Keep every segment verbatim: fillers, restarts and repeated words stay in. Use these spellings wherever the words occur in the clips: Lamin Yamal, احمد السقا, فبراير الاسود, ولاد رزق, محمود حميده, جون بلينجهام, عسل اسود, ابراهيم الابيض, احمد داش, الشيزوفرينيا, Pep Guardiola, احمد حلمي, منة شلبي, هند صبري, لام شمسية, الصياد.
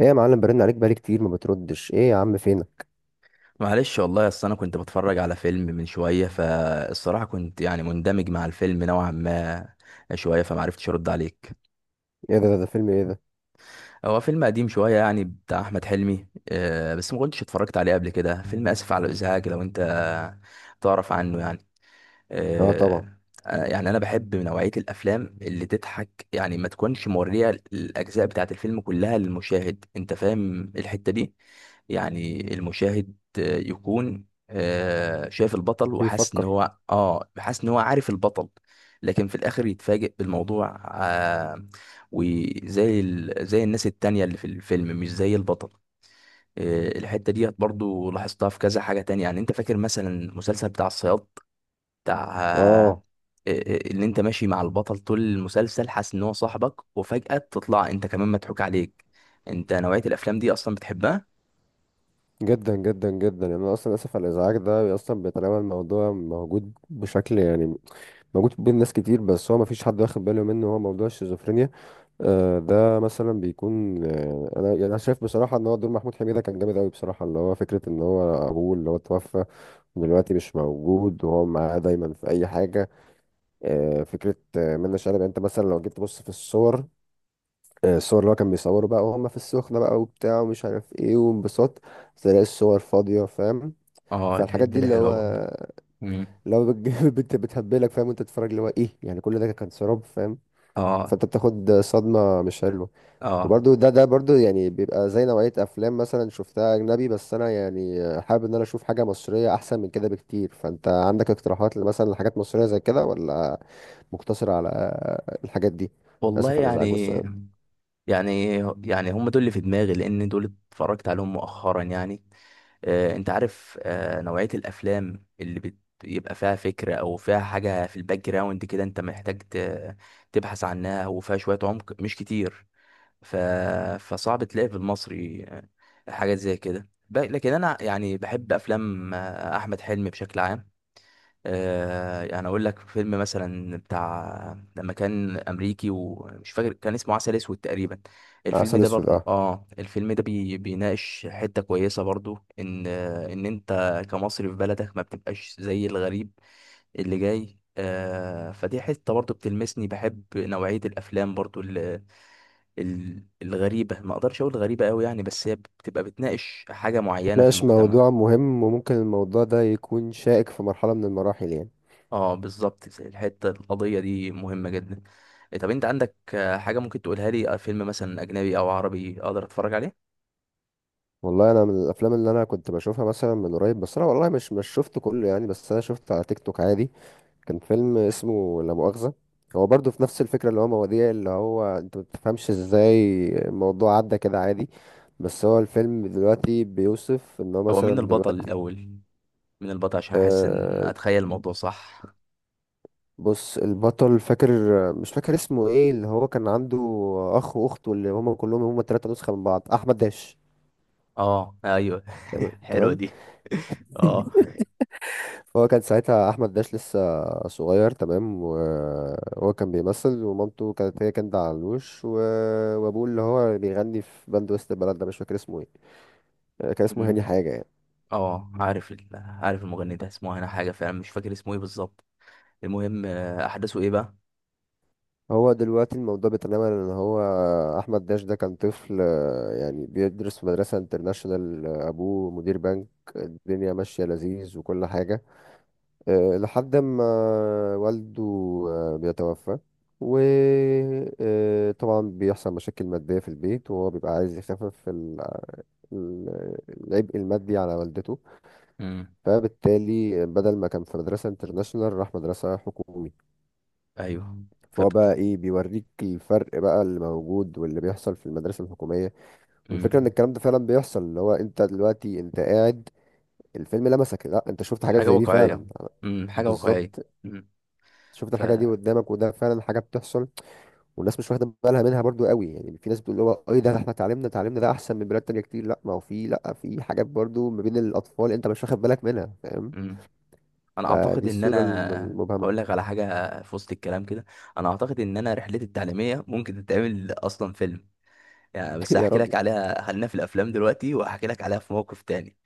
ايه يا معلم، برن عليك بقالي كتير ما بتردش. ايه يا عم فينك؟ معلش والله، اصل انا كنت بتفرج على فيلم من شويه، فالصراحه كنت يعني مندمج مع الفيلم نوعا ما شويه، فمعرفتش ارد عليك. ايه ده ده, ده فيلم ايه ده؟ هو فيلم قديم شويه يعني بتاع احمد حلمي، آه، بس ما كنتش اتفرجت عليه قبل كده. فيلم اسف على الازعاج، لو انت تعرف عنه يعني، اه طبعا. آه، أنا- يعني انا بحب نوعيه الافلام اللي تضحك، يعني ما تكونش موريه الاجزاء بتاعه الفيلم كلها للمشاهد. انت فاهم الحته دي؟ يعني المشاهد آه، يكون آه، شايف البطل وحاسس ان بيفكر. هو اه حاسس ان هو عارف البطل. لكن في الاخر يتفاجئ بالموضوع، آه وزي ال... زي الناس التانية اللي في الفيلم، مش زي البطل. آه الحتة ديت برضو لاحظتها في كذا حاجة تانية، يعني انت فاكر مثلا المسلسل بتاع الصياد، بتاع آه اه آه، آه، اللي انت ماشي مع البطل طول المسلسل حاسس ان هو صاحبك، وفجأة تطلع انت كمان مضحوك عليك. انت نوعية الافلام دي اصلا بتحبها؟ جدا جدا جدا. يعني انا اصلا اسف على الازعاج ده اصلا بيتناول موضوع موجود، بشكل يعني موجود بين ناس كتير، بس هو ما فيش حد واخد باله منه. هو موضوع الشيزوفرينيا. آه، ده مثلا بيكون آه، انا يعني انا شايف بصراحه ان هو دور محمود حميده كان جامد قوي بصراحه، اللي هو فكره ان هو ابوه اللي هو توفى دلوقتي مش موجود، وهو معاه دايما في اي حاجه. آه، فكرة آه، منة شلبي، يعني انت مثلا لو جيت تبص في الصور، آه، الصور اللي هو كان بيصوره بقى وهم في السخنة بقى وبتاع ومش عارف ايه وانبساط، تلاقي الصور فاضية، فاهم؟ اه فالحاجات الحتة دي دي اللي حلوة هو برضه. مم. اللي هو بتج- بت- بتهبلك، فاهم؟ وانت تتفرج اللي هو ايه، يعني كل ده كان سراب، فاهم؟ اه فانت بتاخد صدمة مش حلوة. اه. وبرده ده ده برده يعني بيبقى زي نوعية افلام مثلا شفتها اجنبي، بس انا يعني حابب ان انا اشوف حاجة مصرية احسن من كده بكتير. فانت عندك اقتراحات مثلا لحاجات مصرية زي كده، ولا مقتصر على الحاجات دي؟ والله اسف على الازعاج يعني والسلام. يعني يعني هم دول اللي في دماغي، لان دول اتفرجت عليهم مؤخرا يعني. آه انت عارف آه نوعية الافلام اللي بت- بيبقى فيها فكرة، او فيها حاجة في الباك جراوند كده، انت محتاج ت- تبحث عنها، وفيها شوية عمق مش كتير. ف... فصعب تلاقي في المصري، آه، حاجات زي كده. ب... لكن انا يعني بحب افلام آه، احمد حلمي بشكل عام. آه، يعني اقول لك فيلم مثلا بتاع لما كان امريكي، ومش فاكر كان اسمه عسل اسود تقريبا. الفيلم عسل ده اسود، برضو، اه. اه الفيلم ده بي بيناقش حتة كويسة برضو، ان آه، ان انت كمصري في بلدك ما بتبقاش زي الغريب اللي جاي. آه فدي حتة برضو بتلمسني. بحب نوعية الافلام برضو ال- ال- الغريبة، ما اقدرش اقول غريبة قوي يعني، بس هي بتبقى بتناقش حاجة معينة في ناقش موضوع المجتمع. مهم، وممكن الموضوع ده يكون شائك في مرحلة من المراحل يعني. اه بالظبط زي الحته، القضيه دي مهمه جدا. إيه، طب انت عندك آه، حاجه ممكن تقولها لي، آه، فيلم مثلا اجنبي او عربي اقدر اتفرج عليه؟ والله انا من الافلام اللي انا كنت بشوفها مثلا من قريب، بس انا والله مش مش شفت كله يعني، بس انا شفت على تيك توك عادي. كان فيلم اسمه لا مؤاخذة. هو برضه في نفس الفكرة، اللي هو مواضيع اللي هو انت ما بتفهمش ازاي الموضوع عدى كده عادي. بس هو الفيلم دلوقتي بيوصف ان هو هو مين مثلا البطل دلوقتي الاول؟ مين البطل عشان احس ان آه، اتخيل الموضوع صح؟ بص، البطل فاكر، مش فاكر اسمه ايه، اللي هو كان عنده اخ واخت، واللي هما كلهم هما تلاتة نسخة من بعض. احمد داش. اه ايوه. حلوه تمام. دي. اه. فهو كان ساعتها احمد داش لسه صغير. تمام. وهو كان بيمثل، ومامته كانت هي كانت علوش، و... وابوه اللي هو بيغني في باند وسط البلد، ده مش فاكر اسمه ايه، كان اسمه هاني أمم، حاجة يعني. اه عارف ال- عارف المغني ده اسمه انا، حاجه فعلا مش فاكر اسمه ايه بالظبط. المهم آه، احداثه ايه بقى؟ هو دلوقتي الموضوع بيتنمى ان هو احمد داش ده كان طفل، آه، يعني بيدرس في مدرسة انترناشونال، آه، ابوه مدير بنك، الدنيا ماشية لذيذ وكل حاجة، آه، لحد ما والده آه، بيتوفى. وطبعا بيحصل مشاكل مادية في البيت، وهو بيبقى عايز يخفف ال- ال- العبء المادي على والدته. امم. فبالتالي بدل ما كان في مدرسة انترناشونال، راح مدرسة حكومي. ايوه. فهو فبت... بقى ايه، بيوريك الفرق بقى اللي موجود واللي بيحصل في المدرسة الحكومية. والفكرة ان امم الكلام ده فعلا بيحصل، اللي هو انت دلوقتي انت قاعد، الفيلم لمسك، لا انت شفت حاجات حاجه زي دي واقعيه. فعلا. امم حاجه واقعيه. بالظبط. امم شفت ف الحاجه دي قدامك، وده فعلا حاجه بتحصل. والناس مش واخده بالها منها برضو قوي يعني. في ناس بتقول اللي هو ايه ده، احنا تعليمنا تعليمنا ده احسن من بلاد تانية كتير، لا ما هو في، لا، في حاجات برضو ما بين الاطفال انت مش واخد بالك منها، فاهم؟ انا فدي اعتقد ان الصوره الم- انا المبهمه. اقول لك على حاجه في وسط الكلام كده. انا اعتقد ان انا رحلتي التعليميه ممكن تتعمل اصلا فيلم، يعني بس يا هحكي راجل. لك عليها، خلينا في الافلام دلوقتي وهحكي لك عليها في موقف تاني.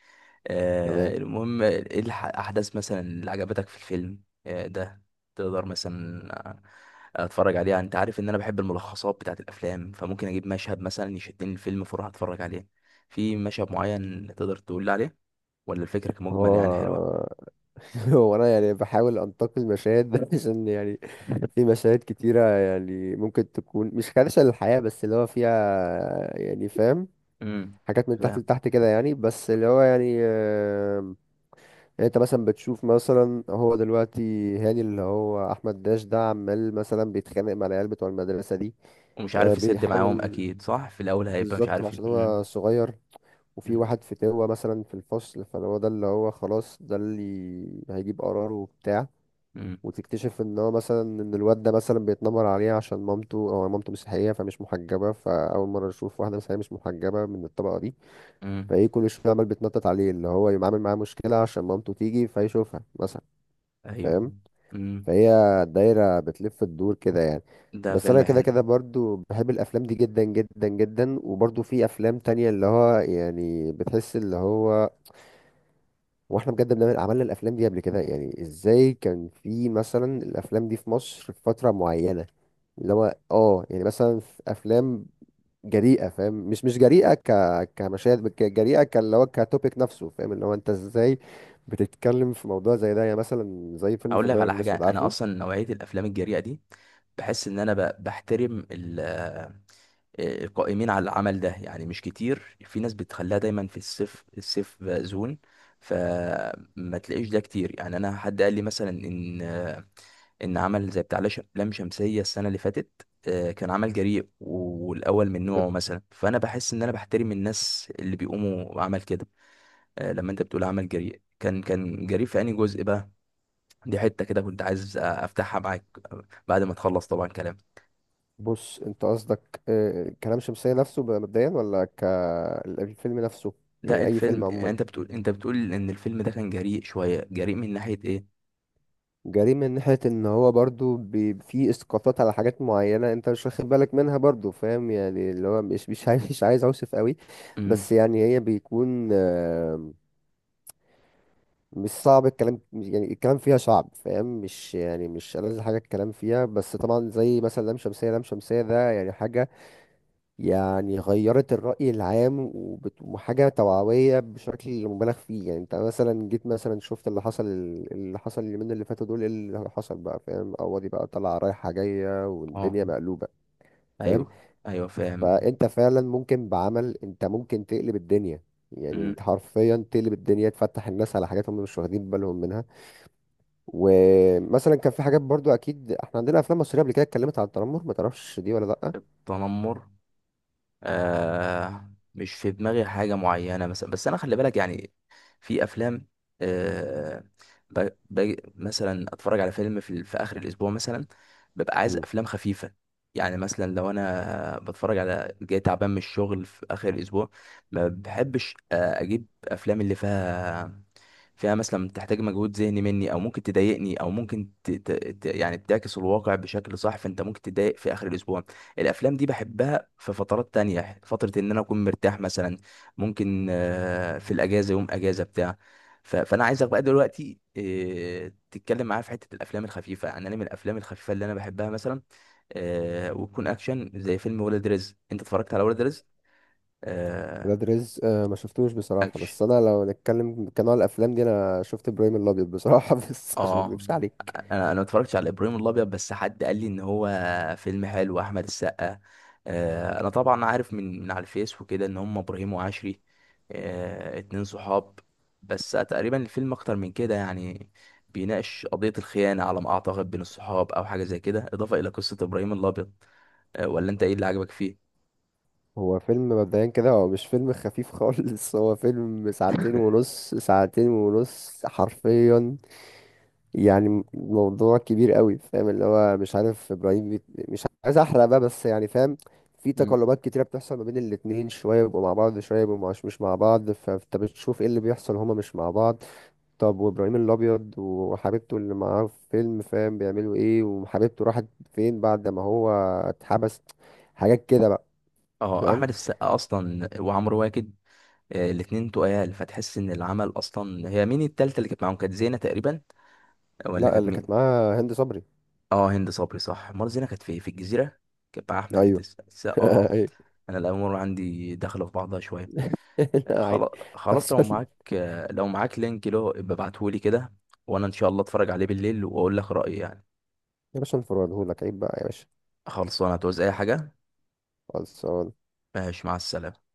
تمام. آه المهم ايه الح- الاحداث مثلا اللي عجبتك في الفيلم آه ده، تقدر مثلا اتفرج عليها. انت عارف ان انا بحب الملخصات بتاعت الافلام، فممكن اجيب مشهد مثلا يشدني الفيلم، فاروح اتفرج عليه. في مشهد معين تقدر تقول لي عليه، ولا الفكره كمجمل هو يعني حلوه؟ هو انا يعني بحاول انتقي المشاهد ده عشان يعني في مشاهد كتيرة يعني، ممكن تكون مش خادشة للحياة، بس اللي هو فيها يعني، فاهم؟ امم حاجات من تحت لتحت كده يعني، بس اللي هو يعني آه، يعني انت مثلا بتشوف مثلا، هو دلوقتي هاني اللي هو احمد داش ده عمال مثلا بيتخانق مع العيال بتوع المدرسه دي، ومش آه، عارف يسد معاهم بيحاول. اكيد، صح، في الاول هيبقى مش بالظبط، عارف ي... عشان مم. هو صغير. وفي مم. واحد فتاوة مثلا في الفصل، فهو ده اللي هو خلاص ده اللي هيجيب قراره وبتاع. مم. وتكتشف ان هو مثلا ان الواد ده مثلا بيتنمر عليه عشان مامته، او مامته مسيحية فمش محجبة، فأول مرة يشوف واحدة مسيحية مش محجبة من الطبقة دي. مم. فايه كل شوية عمال بيتنطط عليه اللي هو يعمل معاه مشكلة عشان مامته تيجي فيشوفها مثلا، ايوه. فاهم؟ مم. فهي دايرة بتلف الدور كده يعني. ده بس انا فيلم كده حلو. كده برضو بحب الافلام دي جدا جدا جدا. وبرضو في افلام تانية اللي هو يعني بتحس اللي هو، واحنا بجد بنعمل عملنا الافلام دي قبل كده يعني ازاي. كان في مثلا الافلام دي في مصر في فترة معينة، اللي هو اه يعني مثلا في افلام جريئة، فاهم؟ مش مش جريئة ك كمشاهد، ك- جريئة كاللي هو كتوبيك نفسه، فاهم؟ اللي هو انت ازاي بتتكلم في موضوع زي ده يعني، مثلا زي فيلم اقول لك فبراير على حاجه، الاسود، انا عارفه؟ اصلا نوعيه الافلام الجريئه دي بحس ان انا ب- بحترم ال- آه، القائمين على العمل ده، يعني مش كتير. في ناس بتخليها دايما في السيف السيف زون، فما تلاقيش ده كتير يعني. انا حد قال لي مثلا ان ان عمل زي بتاع لش- لام شمسية السنة اللي فاتت، آه، كان عمل جريء و- والاول من نوعه مثلا، فانا بحس ان انا بحترم الناس اللي بيقوموا بعمل كده. آه، لما انت بتقول عمل جريء كان كان جريء في انهي جزء بقى؟ دي حتة كده كنت عايز افتحها معاك، آه، بعد ما تخلص طبعا كلام بص انت قصدك آه، كلام شمسية نفسه بقى مبدئيا، ولا كالفيلم نفسه؟ ده يعني اي الفيلم. فيلم يعني عموما انت بتقول انت بتقول ان الفيلم ده كان جريء شوية، جريء من ناحية ايه؟ جريء من ناحية ان هو برضو بي- في اسقاطات على حاجات معينة انت مش واخد بالك منها برضو، فاهم يعني؟ اللي هو مش مش عايز مش عايز اوصف قوي، امم. بس يعني هي بيكون آه، مش صعب الكلام يعني، الكلام فيها صعب، فاهم؟ مش يعني مش ألذ حاجة الكلام فيها. بس طبعا زي مثلا لام شمسية، لام شمسية ده يعني حاجة يعني غيرت الرأي العام، وبت- وحاجة توعوية بشكل مبالغ فيه يعني. انت مثلا جيت مثلا شفت اللي حصل، اللي حصل اليومين اللي فاتوا دول ايه اللي حصل بقى، فاهم؟ قواضي بقى طالعة رايحة جاية اه والدنيا مقلوبة، فاهم؟ ايوه. ايوه فاهم. فانت فعلا ممكن بعمل، انت ممكن تقلب الدنيا، يعني امم انت حرفيا تقلب الدنيا، تفتح الناس على حاجات هم مش واخدين بالهم منها. ومثلا كان في حاجات برضو، اكيد احنا عندنا افلام مصرية قبل كده اتكلمت عن التنمر، ما تعرفش دي ولا لا؟ تنمر، آه مش في دماغي حاجة معينة مثلا، بس أنا خلي بالك يعني، في أفلام آه ب... ب... مثلا أتفرج على فيلم في, ال- في آخر الأسبوع مثلا، ببقى عايز أفلام خفيفة. يعني مثلا لو أنا بتفرج على جاي تعبان من الشغل في آخر الأسبوع، ما بحبش آه، أجيب أفلام اللي فيها فيها مثلا تحتاج مجهود ذهني مني، او ممكن تضايقني، او ممكن ت... ت... ت- يعني بتعكس الواقع بشكل صح، فانت ممكن تضايق في اخر الاسبوع. الافلام دي بحبها في فترات تانية، فترة ان انا اكون مرتاح مثلا. ممكن آه، في الاجازة، يوم اجازة بتاع. ف- فانا عايزك بقى دلوقتي آه، تتكلم معايا في حتة الافلام الخفيفة. يعني انا من الافلام الخفيفة اللي انا بحبها مثلا آه، وتكون اكشن، زي فيلم ولاد رزق. انت اتفرجت على ولاد رزق؟ آه، ولاد رزق آه، ما شفتوش بصراحة، اكشن. بس أنا لو نتكلم كنوع الأفلام دي أنا شفت إبراهيم الأبيض بصراحة بس عشان ما اه أكدبش عليك. انا انا ما اتفرجتش على ابراهيم الابيض، بس حد قال لي ان هو فيلم حلو، احمد السقا. آه، انا طبعا عارف من من على الفيس وكده ان هم ابراهيم وعشري، آه، اتنين صحاب. بس تقريبا الفيلم اكتر من كده يعني، بيناقش قضية الخيانة على ما اعتقد بين الصحاب، او حاجة زي كده، اضافة الى قصة ابراهيم الابيض. آه، ولا انت ايه اللي عجبك فيه؟ هو فيلم مبدئيا كده هو مش فيلم خفيف خالص هو فيلم ساعتين ونص، ساعتين ونص حرفيا، يعني موضوع كبير قوي، فاهم؟ اللي هو مش عارف إبراهيم بيت... مش عايز أحرق بقى بس يعني فاهم. في مم. تقلبات كتيرة بتحصل ما بين الاتنين، شوية بيبقوا مع بعض، شوية بيبقوا مش مش مع بعض، فأنت بتشوف إيه اللي بيحصل هما مش مع بعض. طب وابراهيم الابيض وحبيبته اللي معاه في فيلم، فاهم، بيعملوا ايه؟ وحبيبته راحت فين بعد ما هو اتحبس؟ حاجات كده بقى، اه، احمد فاهم. السقا اصلا وعمرو واكد، آه، الاتنين تقال، فتحس ان العمل اصلا. هي مين التالتة اللي كانت معاهم؟ كانت زينة تقريبا، ولا لا، كانت اللي كانت مين؟ معاها هند صبري. اه هند صبري صح. مرة زينة كانت في في الجزيرة، كانت مع أحمد ايوه. الس- السقا. اه. ايوه. أنا الأمور عندي داخلة في بعضها شوية. لا عادي، خلاص خلاص، لو تحصل. معاك آه، لو معاك لينك له يبقى ابعتهولي كده، وأنا إن شاء الله أتفرج عليه بالليل وأقول لك رأيي يعني. يا باشا، انفرادهولك عيب بقى يا باشا. خلصانة. هتعوز أي حاجة؟ خلصان. ماشي، مع السلامة.